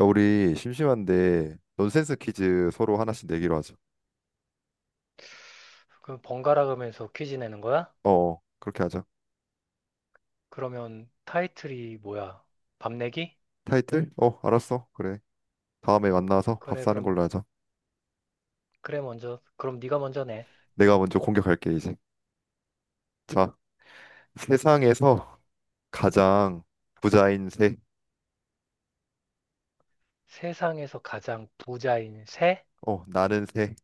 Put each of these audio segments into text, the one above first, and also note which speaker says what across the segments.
Speaker 1: 야, 우리 심심한데 논센스 퀴즈 서로 하나씩 내기로 하자.
Speaker 2: 그 번갈아 가면서 퀴즈 내는 거야?
Speaker 1: 어, 그렇게 하자.
Speaker 2: 그러면 타이틀이 뭐야? 밤내기?
Speaker 1: 타이틀? 어, 알았어. 그래. 다음에 만나서 밥
Speaker 2: 그래,
Speaker 1: 사는
Speaker 2: 그럼,
Speaker 1: 걸로 하자.
Speaker 2: 그래, 먼저. 그럼 네가 먼저 내.
Speaker 1: 내가 먼저 공격할게 이제. 자, 세상에서 가장 부자인 새.
Speaker 2: 세상에서 가장 부자인 새?
Speaker 1: 어, 나는 새.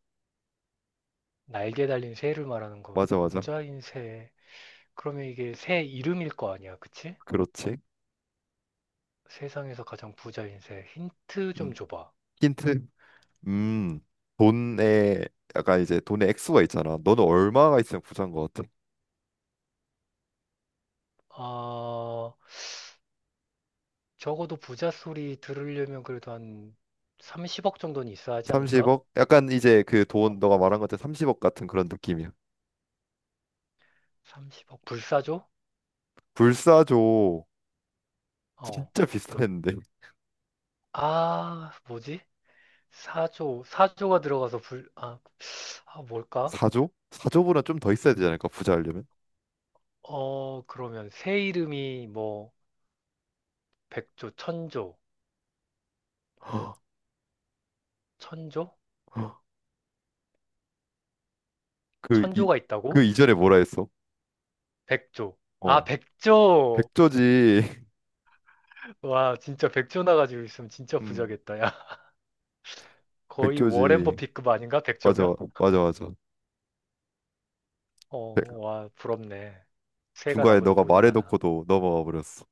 Speaker 2: 날개 달린 새를 말하는 거.
Speaker 1: 맞아, 맞아.
Speaker 2: 부자인 새. 그러면 이게 새 이름일 거 아니야, 그치?
Speaker 1: 그렇지.
Speaker 2: 세상에서 가장 부자인 새. 힌트 좀
Speaker 1: 음.
Speaker 2: 줘봐.
Speaker 1: 힌트. 음, 돈에 약간 이제 돈의 액수가 있잖아. 너는 얼마가 있으면 부자인 것 같아?
Speaker 2: 아, 적어도 부자 소리 들으려면 그래도 한 30억 정도는 있어야 하지 않을까?
Speaker 1: 30억? 약간 이제 그
Speaker 2: 어,
Speaker 1: 돈 너가 말한 것처럼 30억 같은 그런 느낌이야.
Speaker 2: 30억. 불사조?
Speaker 1: 불사조
Speaker 2: 어.
Speaker 1: 진짜 비슷했는데
Speaker 2: 아, 뭐지? 사조, 사조가 들어가서 불, 아, 아, 뭘까?
Speaker 1: 4조? 4조보다 좀 더 있어야 되지 않을까 부자 하려면?
Speaker 2: 어, 그러면 새 이름이 뭐, 백조, 천조, 천조?
Speaker 1: 그 이
Speaker 2: 천조가 있다고?
Speaker 1: 그 이전에 뭐라 했어?
Speaker 2: 백조. 아,
Speaker 1: 어.
Speaker 2: 백조!
Speaker 1: 백조지
Speaker 2: 와, 진짜 백조 나가지고 있으면 진짜
Speaker 1: 음.
Speaker 2: 부자겠다, 야. 거의 워렌
Speaker 1: 백조지.
Speaker 2: 버핏급 아닌가?
Speaker 1: 맞아.
Speaker 2: 백조면?
Speaker 1: 맞아.
Speaker 2: 어,
Speaker 1: 네,
Speaker 2: 와, 부럽네. 새가
Speaker 1: 중간에
Speaker 2: 나보다
Speaker 1: 너가
Speaker 2: 돈이 많아.
Speaker 1: 말해놓고도 넘어가 버렸어.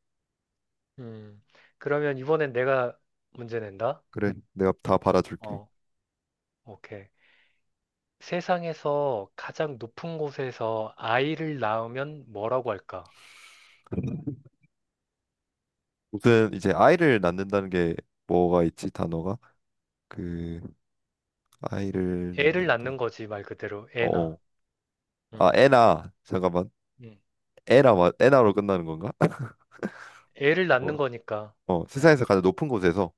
Speaker 2: 음, 그러면 이번엔 내가 문제 낸다?
Speaker 1: 그래, 내가 다 받아줄게.
Speaker 2: 어, 오케이. 세상에서 가장 높은 곳에서 아이를 낳으면 뭐라고 할까?
Speaker 1: 무슨 이제 아이를 낳는다는 게 뭐가 있지 단어가. 그 아이를
Speaker 2: 애를
Speaker 1: 낳는다.
Speaker 2: 낳는 거지, 말 그대로. 애나.
Speaker 1: 어아.
Speaker 2: 음,
Speaker 1: 에나 잠깐만.
Speaker 2: 음.
Speaker 1: 에나로 끝나는 건가?
Speaker 2: 애를 낳는
Speaker 1: 뭐,
Speaker 2: 거니까.
Speaker 1: 어
Speaker 2: 어.
Speaker 1: 세상에서 가장 높은 곳에서.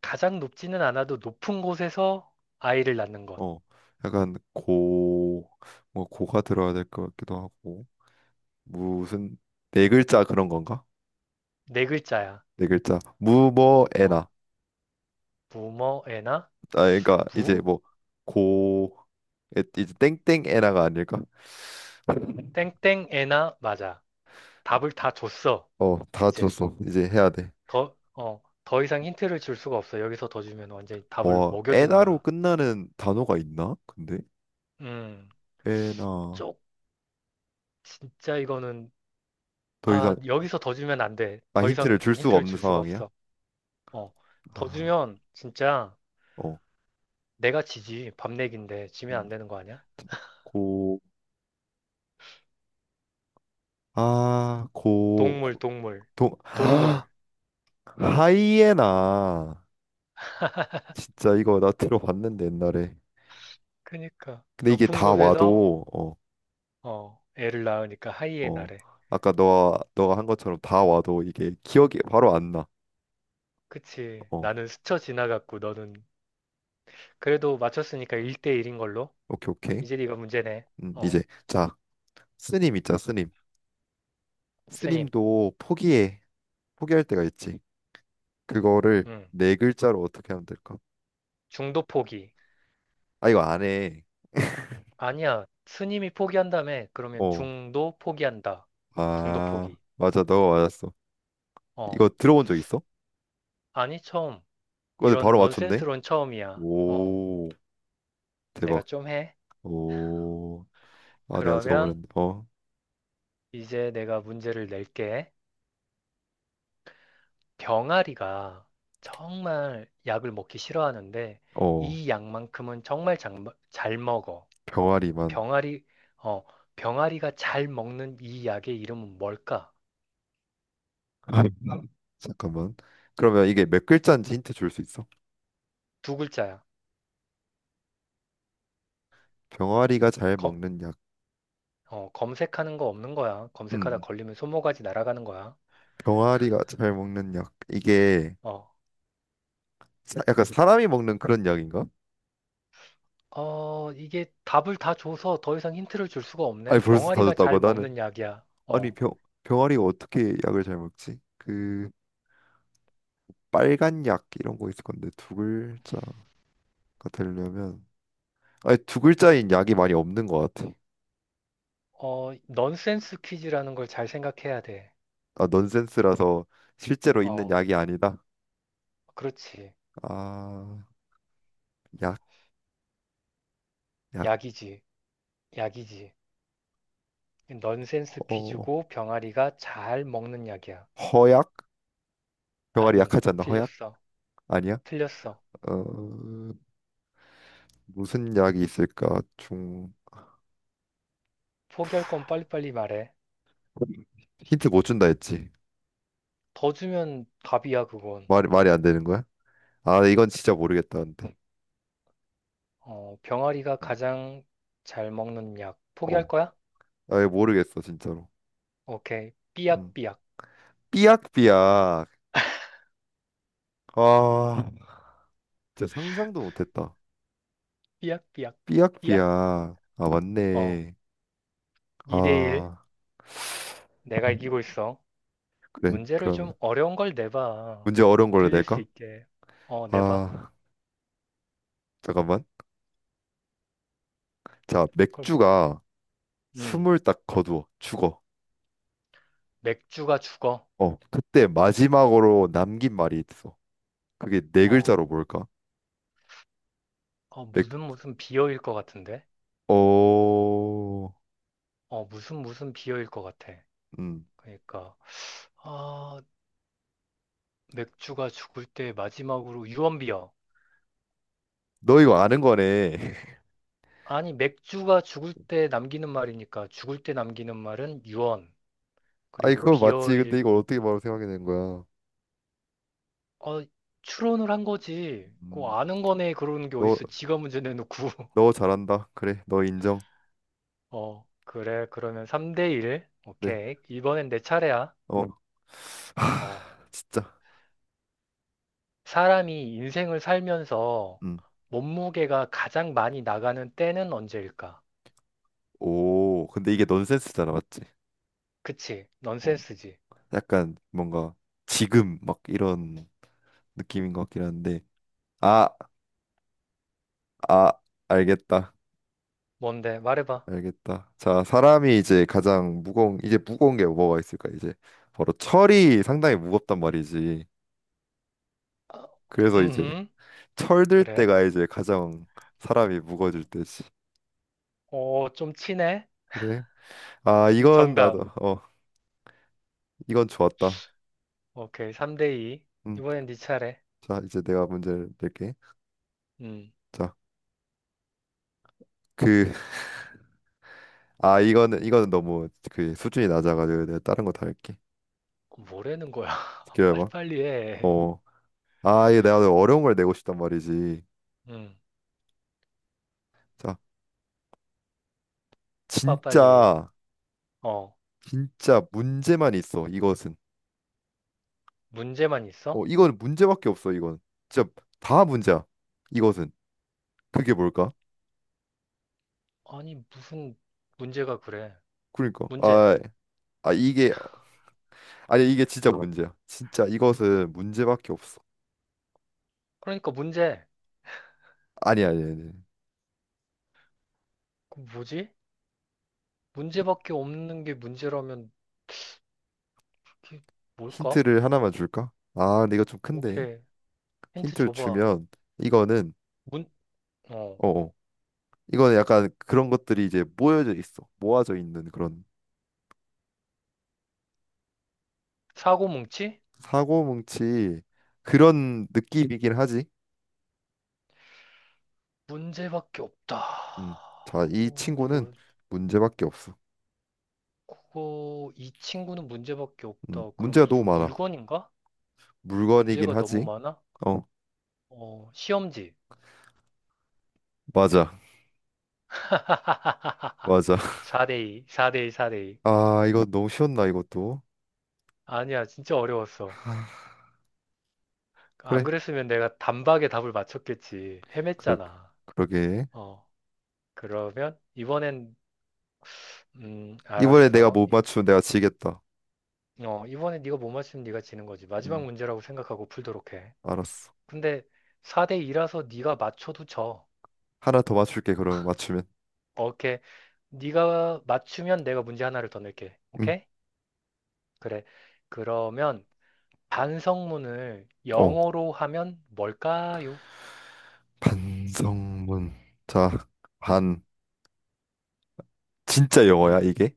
Speaker 2: 가장 높지는 않아도 높은 곳에서 아이를 낳는 것.
Speaker 1: 어, 약간 뭐 고가 들어야 될 것 같기도 하고. 무슨 네 글자 그런 건가?
Speaker 2: 네 글자야.
Speaker 1: 네 글자
Speaker 2: 어.
Speaker 1: 무뭐에나.
Speaker 2: 무머 애나?
Speaker 1: 아 그러니까 이제
Speaker 2: 무?
Speaker 1: 뭐. 고. 이제 땡땡에나가 아닐까?
Speaker 2: 땡땡 애나? 맞아. 답을 다 줬어.
Speaker 1: 어, 다
Speaker 2: 이제.
Speaker 1: 줬어. 이제 해야 돼.
Speaker 2: 더, 어, 더 이상 힌트를 줄 수가 없어. 여기서 더 주면 완전히 답을
Speaker 1: 어,
Speaker 2: 먹여주는
Speaker 1: 에나로
Speaker 2: 거야.
Speaker 1: 끝나는 단어가 있나? 근데
Speaker 2: 음.
Speaker 1: 에나.
Speaker 2: 쪽, 진짜 이거는.
Speaker 1: 더
Speaker 2: 아,
Speaker 1: 이상.
Speaker 2: 여기서 더 주면 안 돼.
Speaker 1: 아,
Speaker 2: 더
Speaker 1: 힌트를
Speaker 2: 이상
Speaker 1: 줄 수가
Speaker 2: 힌트를
Speaker 1: 없는
Speaker 2: 줄 수가
Speaker 1: 상황이야.
Speaker 2: 없어. 어, 더
Speaker 1: 아,
Speaker 2: 주면 진짜
Speaker 1: 어,
Speaker 2: 내가 지지. 밤내기인데 지면
Speaker 1: 음,
Speaker 2: 안 되는 거 아니야?
Speaker 1: 고, 아, 고,
Speaker 2: 동물,
Speaker 1: 고-
Speaker 2: 동물,
Speaker 1: 동,
Speaker 2: 동물.
Speaker 1: 하이에나. 진짜 이거 나 들어봤는데 옛날에.
Speaker 2: 그니까
Speaker 1: 근데 이게
Speaker 2: 높은
Speaker 1: 다
Speaker 2: 곳에서
Speaker 1: 와도 어.
Speaker 2: 어, 애를 낳으니까
Speaker 1: 어,
Speaker 2: 하이에나래.
Speaker 1: 아까 너 너가 한 것처럼 다 와도 이게 기억이 바로 안나어.
Speaker 2: 그치. 나는 스쳐 지나갔고 너는 그래도 맞췄으니까 1대1인 걸로.
Speaker 1: 오케이 오케이.
Speaker 2: 이제 네가 문제네.
Speaker 1: 음,
Speaker 2: 어,
Speaker 1: 이제 자, 스님 있자 스님.
Speaker 2: 스님.
Speaker 1: 스님도 포기해. 포기할 때가 있지. 그거를
Speaker 2: 음.
Speaker 1: 네 글자로 어떻게 하면 될까.
Speaker 2: 중도 포기.
Speaker 1: 아 이거 안 해, 어, 아.
Speaker 2: 아니야. 스님이 포기한다며. 그러면 중도 포기한다. 중도 포기.
Speaker 1: 맞아, 너가 맞았어. 이거
Speaker 2: 어.
Speaker 1: 들어본 적 있어?
Speaker 2: 아니, 처음.
Speaker 1: 근데
Speaker 2: 이런
Speaker 1: 바로 맞췄네.
Speaker 2: 넌센스론 처음이야. 어,
Speaker 1: 오,
Speaker 2: 내가
Speaker 1: 대박.
Speaker 2: 좀 해.
Speaker 1: 오, 아, 내가 저번에
Speaker 2: 그러면
Speaker 1: 어,
Speaker 2: 이제 내가 문제를 낼게. 병아리가 정말 약을 먹기 싫어하는데
Speaker 1: 어,
Speaker 2: 이 약만큼은 정말 잘, 먹- 잘 먹어.
Speaker 1: 병아리만.
Speaker 2: 병아리, 어, 병아리가 잘 먹는 이 약의 이름은 뭘까?
Speaker 1: 아, 잠깐만. 그러면 이게 몇 글자인지 힌트 줄 수 있어?
Speaker 2: 두 글자야.
Speaker 1: 병아리가 잘
Speaker 2: 검,
Speaker 1: 먹는 약.
Speaker 2: 어, 검색하는 거 없는 거야. 검색하다
Speaker 1: 음,
Speaker 2: 걸리면 손모가지 날아가는 거야.
Speaker 1: 병아리가 잘 먹는 약. 이게
Speaker 2: 어,
Speaker 1: 약간 사람이 먹는 그런 약인가?
Speaker 2: 어, 이게 답을 다 줘서 더 이상 힌트를 줄 수가
Speaker 1: 아니,
Speaker 2: 없네.
Speaker 1: 벌써 다
Speaker 2: 병아리가
Speaker 1: 줬다고
Speaker 2: 잘
Speaker 1: 나는.
Speaker 2: 먹는 약이야.
Speaker 1: 아니,
Speaker 2: 어,
Speaker 1: 병 병아리가 어떻게 약을 잘 먹지? 그 빨간 약 이런 거 있을 건데 두 글자가 되려면, 아니, 두 글자인 약이 많이 없는 것 같아.
Speaker 2: 어, 넌센스 퀴즈라는 걸 잘 생각해야 돼.
Speaker 1: 아, 넌센스라서 실제로 있는
Speaker 2: 어,
Speaker 1: 약이 아니다.
Speaker 2: 그렇지.
Speaker 1: 아. 약, 약,
Speaker 2: 약이지. 약이지. 넌센스
Speaker 1: 허,
Speaker 2: 퀴즈고 병아리가 잘 먹는 약이야.
Speaker 1: 허약? 병아리
Speaker 2: 아니,
Speaker 1: 약하지 않나? 허약?
Speaker 2: 틀렸어.
Speaker 1: 아니야?
Speaker 2: 틀렸어.
Speaker 1: 어, 무슨 약이 있을까? 중,
Speaker 2: 포기할 건 빨리빨리 말해.
Speaker 1: 힌트 못 준다 했지.
Speaker 2: 더 주면 답이야, 그건.
Speaker 1: 말이, 말이 안 되는 거야? 아, 이건 진짜 모르겠다, 근데.
Speaker 2: 어, 병아리가
Speaker 1: 어,
Speaker 2: 가장 잘 먹는 약. 포기할
Speaker 1: 어.
Speaker 2: 거야?
Speaker 1: 아, 이거 모르겠어, 진짜로.
Speaker 2: 오케이.
Speaker 1: 음.
Speaker 2: 삐약삐약.
Speaker 1: 삐약삐약. 아, 진짜 상상도 못했다.
Speaker 2: 삐약삐약. 삐약.
Speaker 1: 삐약삐약. 아,
Speaker 2: 어.
Speaker 1: 맞네.
Speaker 2: 2대1.
Speaker 1: 아,
Speaker 2: 내가 이기고 있어.
Speaker 1: 그래.
Speaker 2: 문제를
Speaker 1: 그러면
Speaker 2: 좀 어려운 걸 내봐.
Speaker 1: 문제 어려운 걸로
Speaker 2: 들릴 수
Speaker 1: 낼까?
Speaker 2: 있게. 어, 내봐.
Speaker 1: 아, 잠깐만. 자,
Speaker 2: 그럼,
Speaker 1: 맥주가
Speaker 2: 음,
Speaker 1: 숨을 딱 거두어 죽어.
Speaker 2: 맥주가 죽어.
Speaker 1: 어, 그때 마지막으로 남긴 말이 있어. 그게 네
Speaker 2: 어,
Speaker 1: 글자로 뭘까?
Speaker 2: 어,
Speaker 1: 맥,
Speaker 2: 무슨 무슨 비어일 것 같은데?
Speaker 1: 어,
Speaker 2: 어, 무슨 무슨 비어일 것 같아.
Speaker 1: 음,
Speaker 2: 그러니까, 아, 맥주가 죽을 때 마지막으로 유언비어.
Speaker 1: 너 이거 아는 거네.
Speaker 2: 아니, 맥주가 죽을 때 남기는 말이니까 죽을 때 남기는 말은 유언.
Speaker 1: 아이
Speaker 2: 그리고
Speaker 1: 그거 맞지? 근데
Speaker 2: 비어일,
Speaker 1: 이걸 어떻게 바로 생각이 된 거야?
Speaker 2: 어, 추론을 한 거지. 그
Speaker 1: 음,
Speaker 2: 아는 거네. 그러는 게
Speaker 1: 너,
Speaker 2: 어딨어. 지가 문제 내놓고.
Speaker 1: 너 잘한다. 그래, 너 인정.
Speaker 2: 어, 그래. 그러면 3대 1.
Speaker 1: 그래,
Speaker 2: 오케이. 이번엔 내 차례야.
Speaker 1: 어,
Speaker 2: 어,
Speaker 1: 하, 진짜.
Speaker 2: 사람이 인생을 살면서
Speaker 1: 음,
Speaker 2: 몸무게가 가장 많이 나가는 때는 언제일까?
Speaker 1: 오, 근데 이게 넌센스잖아, 맞지?
Speaker 2: 그치?
Speaker 1: 어,
Speaker 2: 넌센스지.
Speaker 1: 약간 뭔가 지금 막 이런 느낌인 것 같긴 한데, 아, 아, 알겠다.
Speaker 2: 뭔데? 말해봐.
Speaker 1: 알겠다. 자, 사람이 이제 가장 무거운 이제 무거운 게 뭐가 있을까? 이제 바로 철이 상당히 무겁단 말이지.
Speaker 2: 아,
Speaker 1: 그래서 이제
Speaker 2: 음,
Speaker 1: 철들
Speaker 2: 그래.
Speaker 1: 때가 이제 가장 사람이 무거워질 때지.
Speaker 2: 어, 좀 치네?
Speaker 1: 그래? 아, 이건 나도
Speaker 2: 정답.
Speaker 1: 어, 이건 좋았다.
Speaker 2: 오케이. 3대 2.
Speaker 1: 음.
Speaker 2: 이번엔 네 차례.
Speaker 1: 자, 이제 내가 문제를 낼게.
Speaker 2: 음,
Speaker 1: 자, 그, 아, 이거는 너무 그 수준이 낮아가지고 내가 다른 거 다 할게.
Speaker 2: 뭐라는 거야?
Speaker 1: 기다려봐.
Speaker 2: 빨리빨리 해.
Speaker 1: 어. 아, 이게 내가 어려운 걸 내고 싶단 말이지.
Speaker 2: 음,
Speaker 1: 자,
Speaker 2: 해봐, 빨리.
Speaker 1: 진짜.
Speaker 2: 어,
Speaker 1: 진짜 문제만 있어. 이것은.
Speaker 2: 문제만 있어?
Speaker 1: 어, 이거는 문제밖에 없어, 이건. 진짜 다 문제야. 이것은. 그게 뭘까?
Speaker 2: 아니, 무슨 문제가 그래?
Speaker 1: 그러니까.
Speaker 2: 문제.
Speaker 1: 아, 아 이게, 아니 이게 진짜 문제야. 진짜 이것은 문제밖에 없어.
Speaker 2: 그러니까 문제.
Speaker 1: 아니.
Speaker 2: 그 뭐지? 문제밖에 없는 게 문제라면 그게 뭘까?
Speaker 1: 힌트를 하나만 줄까? 아, 근데 이거 좀 큰데.
Speaker 2: 오케이. 힌트
Speaker 1: 힌트를
Speaker 2: 줘봐.
Speaker 1: 주면 이거는,
Speaker 2: 문, 어,
Speaker 1: 어, 어. 이거는 약간 그런 것들이 이제 모여져 있어. 모아져 있는 그런.
Speaker 2: 사고 뭉치?
Speaker 1: 사고뭉치 그런 느낌이긴 하지.
Speaker 2: 문제밖에 없다.
Speaker 1: 음. 자, 이
Speaker 2: 어,
Speaker 1: 친구는
Speaker 2: 이거,
Speaker 1: 문제밖에 없어.
Speaker 2: 그거, 이 친구는 문제밖에 없다. 그럼
Speaker 1: 문제가 너무
Speaker 2: 무슨
Speaker 1: 많아.
Speaker 2: 물건인가?
Speaker 1: 물건이긴
Speaker 2: 문제가 너무
Speaker 1: 하지.
Speaker 2: 많아?
Speaker 1: 어,
Speaker 2: 어, 시험지.
Speaker 1: 맞아. 맞아.
Speaker 2: 4대2, 4대2, 4대2.
Speaker 1: 아, 이거 너무 쉬웠나, 이것도.
Speaker 2: 아니야, 진짜 어려웠어.
Speaker 1: 아,
Speaker 2: 안
Speaker 1: 그래.
Speaker 2: 그랬으면 내가 단박에 답을 맞췄겠지.
Speaker 1: 그러,
Speaker 2: 헤맸잖아.
Speaker 1: 그러게.
Speaker 2: 어, 그러면 이번엔
Speaker 1: 이번에 내가
Speaker 2: 알았어.
Speaker 1: 못
Speaker 2: 이,
Speaker 1: 맞추면 내가 지겠다.
Speaker 2: 어, 이번에 네가 못 맞추면 네가 지는 거지. 마지막
Speaker 1: 음,
Speaker 2: 문제라고 생각하고 풀도록 해.
Speaker 1: 알았어.
Speaker 2: 근데 4대 2라서 네가 맞춰도 져.
Speaker 1: 하나 더 맞출게, 그러면 맞추면.
Speaker 2: 오케이. 네가 맞추면 내가 문제 하나를 더 낼게.
Speaker 1: 음,
Speaker 2: 오케이? 그래. 그러면 반성문을
Speaker 1: 어,
Speaker 2: 영어로 하면 뭘까요?
Speaker 1: 반성문. 자,
Speaker 2: 음,
Speaker 1: 반. 진짜 영어야,
Speaker 2: 음.
Speaker 1: 이게?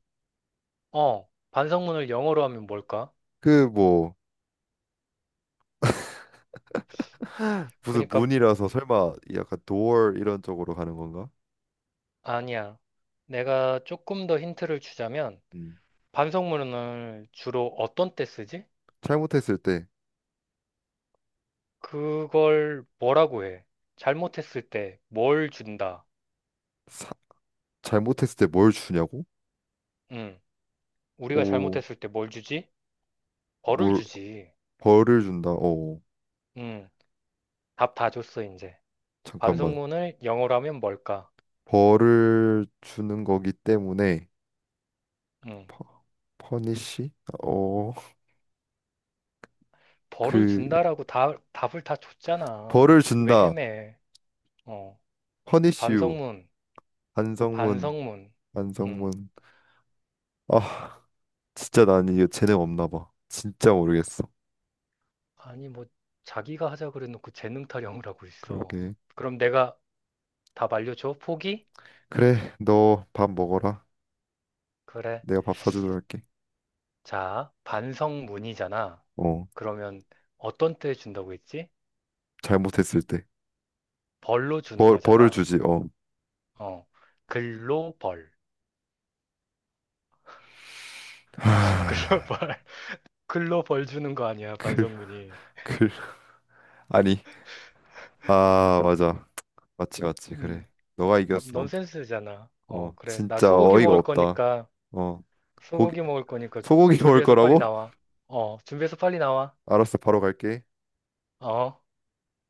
Speaker 2: 어, 반성문을 영어로 하면 뭘까?
Speaker 1: 그, 뭐, 무슨
Speaker 2: 그러니까
Speaker 1: 문이라서 설마 약간 door 이런 쪽으로 가는 건가?
Speaker 2: 아니야. 내가 조금 더 힌트를 주자면
Speaker 1: 음,
Speaker 2: 반성문을 주로 어떤 때 쓰지?
Speaker 1: 잘못했을 때.
Speaker 2: 그걸 뭐라고 해? 잘못했을 때 뭘 준다?
Speaker 1: 사- 잘못했을 때 뭘 주냐고?
Speaker 2: 음, 우리가
Speaker 1: 오,
Speaker 2: 잘못했을 때 뭘 주지? 벌을
Speaker 1: 뭘,
Speaker 2: 주지.
Speaker 1: 벌을 준다. 어,
Speaker 2: 음, 답 다 줬어, 이제.
Speaker 1: 잠깐만.
Speaker 2: 반성문을 영어로 하면 뭘까?
Speaker 1: 벌을 주는 거기 때문에
Speaker 2: 음,
Speaker 1: 퍼, 퍼니시? 어,
Speaker 2: 벌을
Speaker 1: 그
Speaker 2: 준다라고 다, 답을 다
Speaker 1: 벌을
Speaker 2: 줬잖아. 왜
Speaker 1: 준다.
Speaker 2: 헤매? 어,
Speaker 1: 퍼니시유.
Speaker 2: 반성문,
Speaker 1: 반성문,
Speaker 2: 반성문. 음,
Speaker 1: 반성문. 아, 진짜 난 이거 재능 없나 봐. 진짜 모르겠어.
Speaker 2: 아니, 뭐, 자기가 하자 그래놓고 재능 타령을 하고 있어.
Speaker 1: 그러게.
Speaker 2: 그럼 내가 답 알려줘? 포기?
Speaker 1: 그래, 너 밥 먹어라.
Speaker 2: 그래.
Speaker 1: 내가 밥 사주도록 할게.
Speaker 2: 자, 반성문이잖아.
Speaker 1: 어,
Speaker 2: 그러면 어떤 때 준다고 했지?
Speaker 1: 잘못했을 때.
Speaker 2: 벌로 주는
Speaker 1: 벌을
Speaker 2: 거잖아.
Speaker 1: 주지. 어.
Speaker 2: 어, 글로 벌. 글로
Speaker 1: 하,
Speaker 2: 벌. 글로 벌 주는 거 아니야,
Speaker 1: 클,
Speaker 2: 반성문이.
Speaker 1: 클. 아니. 아, 맞아. 맞지, 맞지. 그래.
Speaker 2: 음,
Speaker 1: 너가 이겼어.
Speaker 2: 넌센스잖아. 어,
Speaker 1: 어,
Speaker 2: 그래. 나
Speaker 1: 진짜
Speaker 2: 소고기
Speaker 1: 어이가
Speaker 2: 먹을
Speaker 1: 없다.
Speaker 2: 거니까,
Speaker 1: 어, 고기,
Speaker 2: 소고기 먹을 거니까
Speaker 1: 소고기 먹을
Speaker 2: 준비해서 빨리
Speaker 1: 거라고?
Speaker 2: 나와. 어, 준비해서 빨리 나와.
Speaker 1: 알았어, 바로 갈게.
Speaker 2: 어.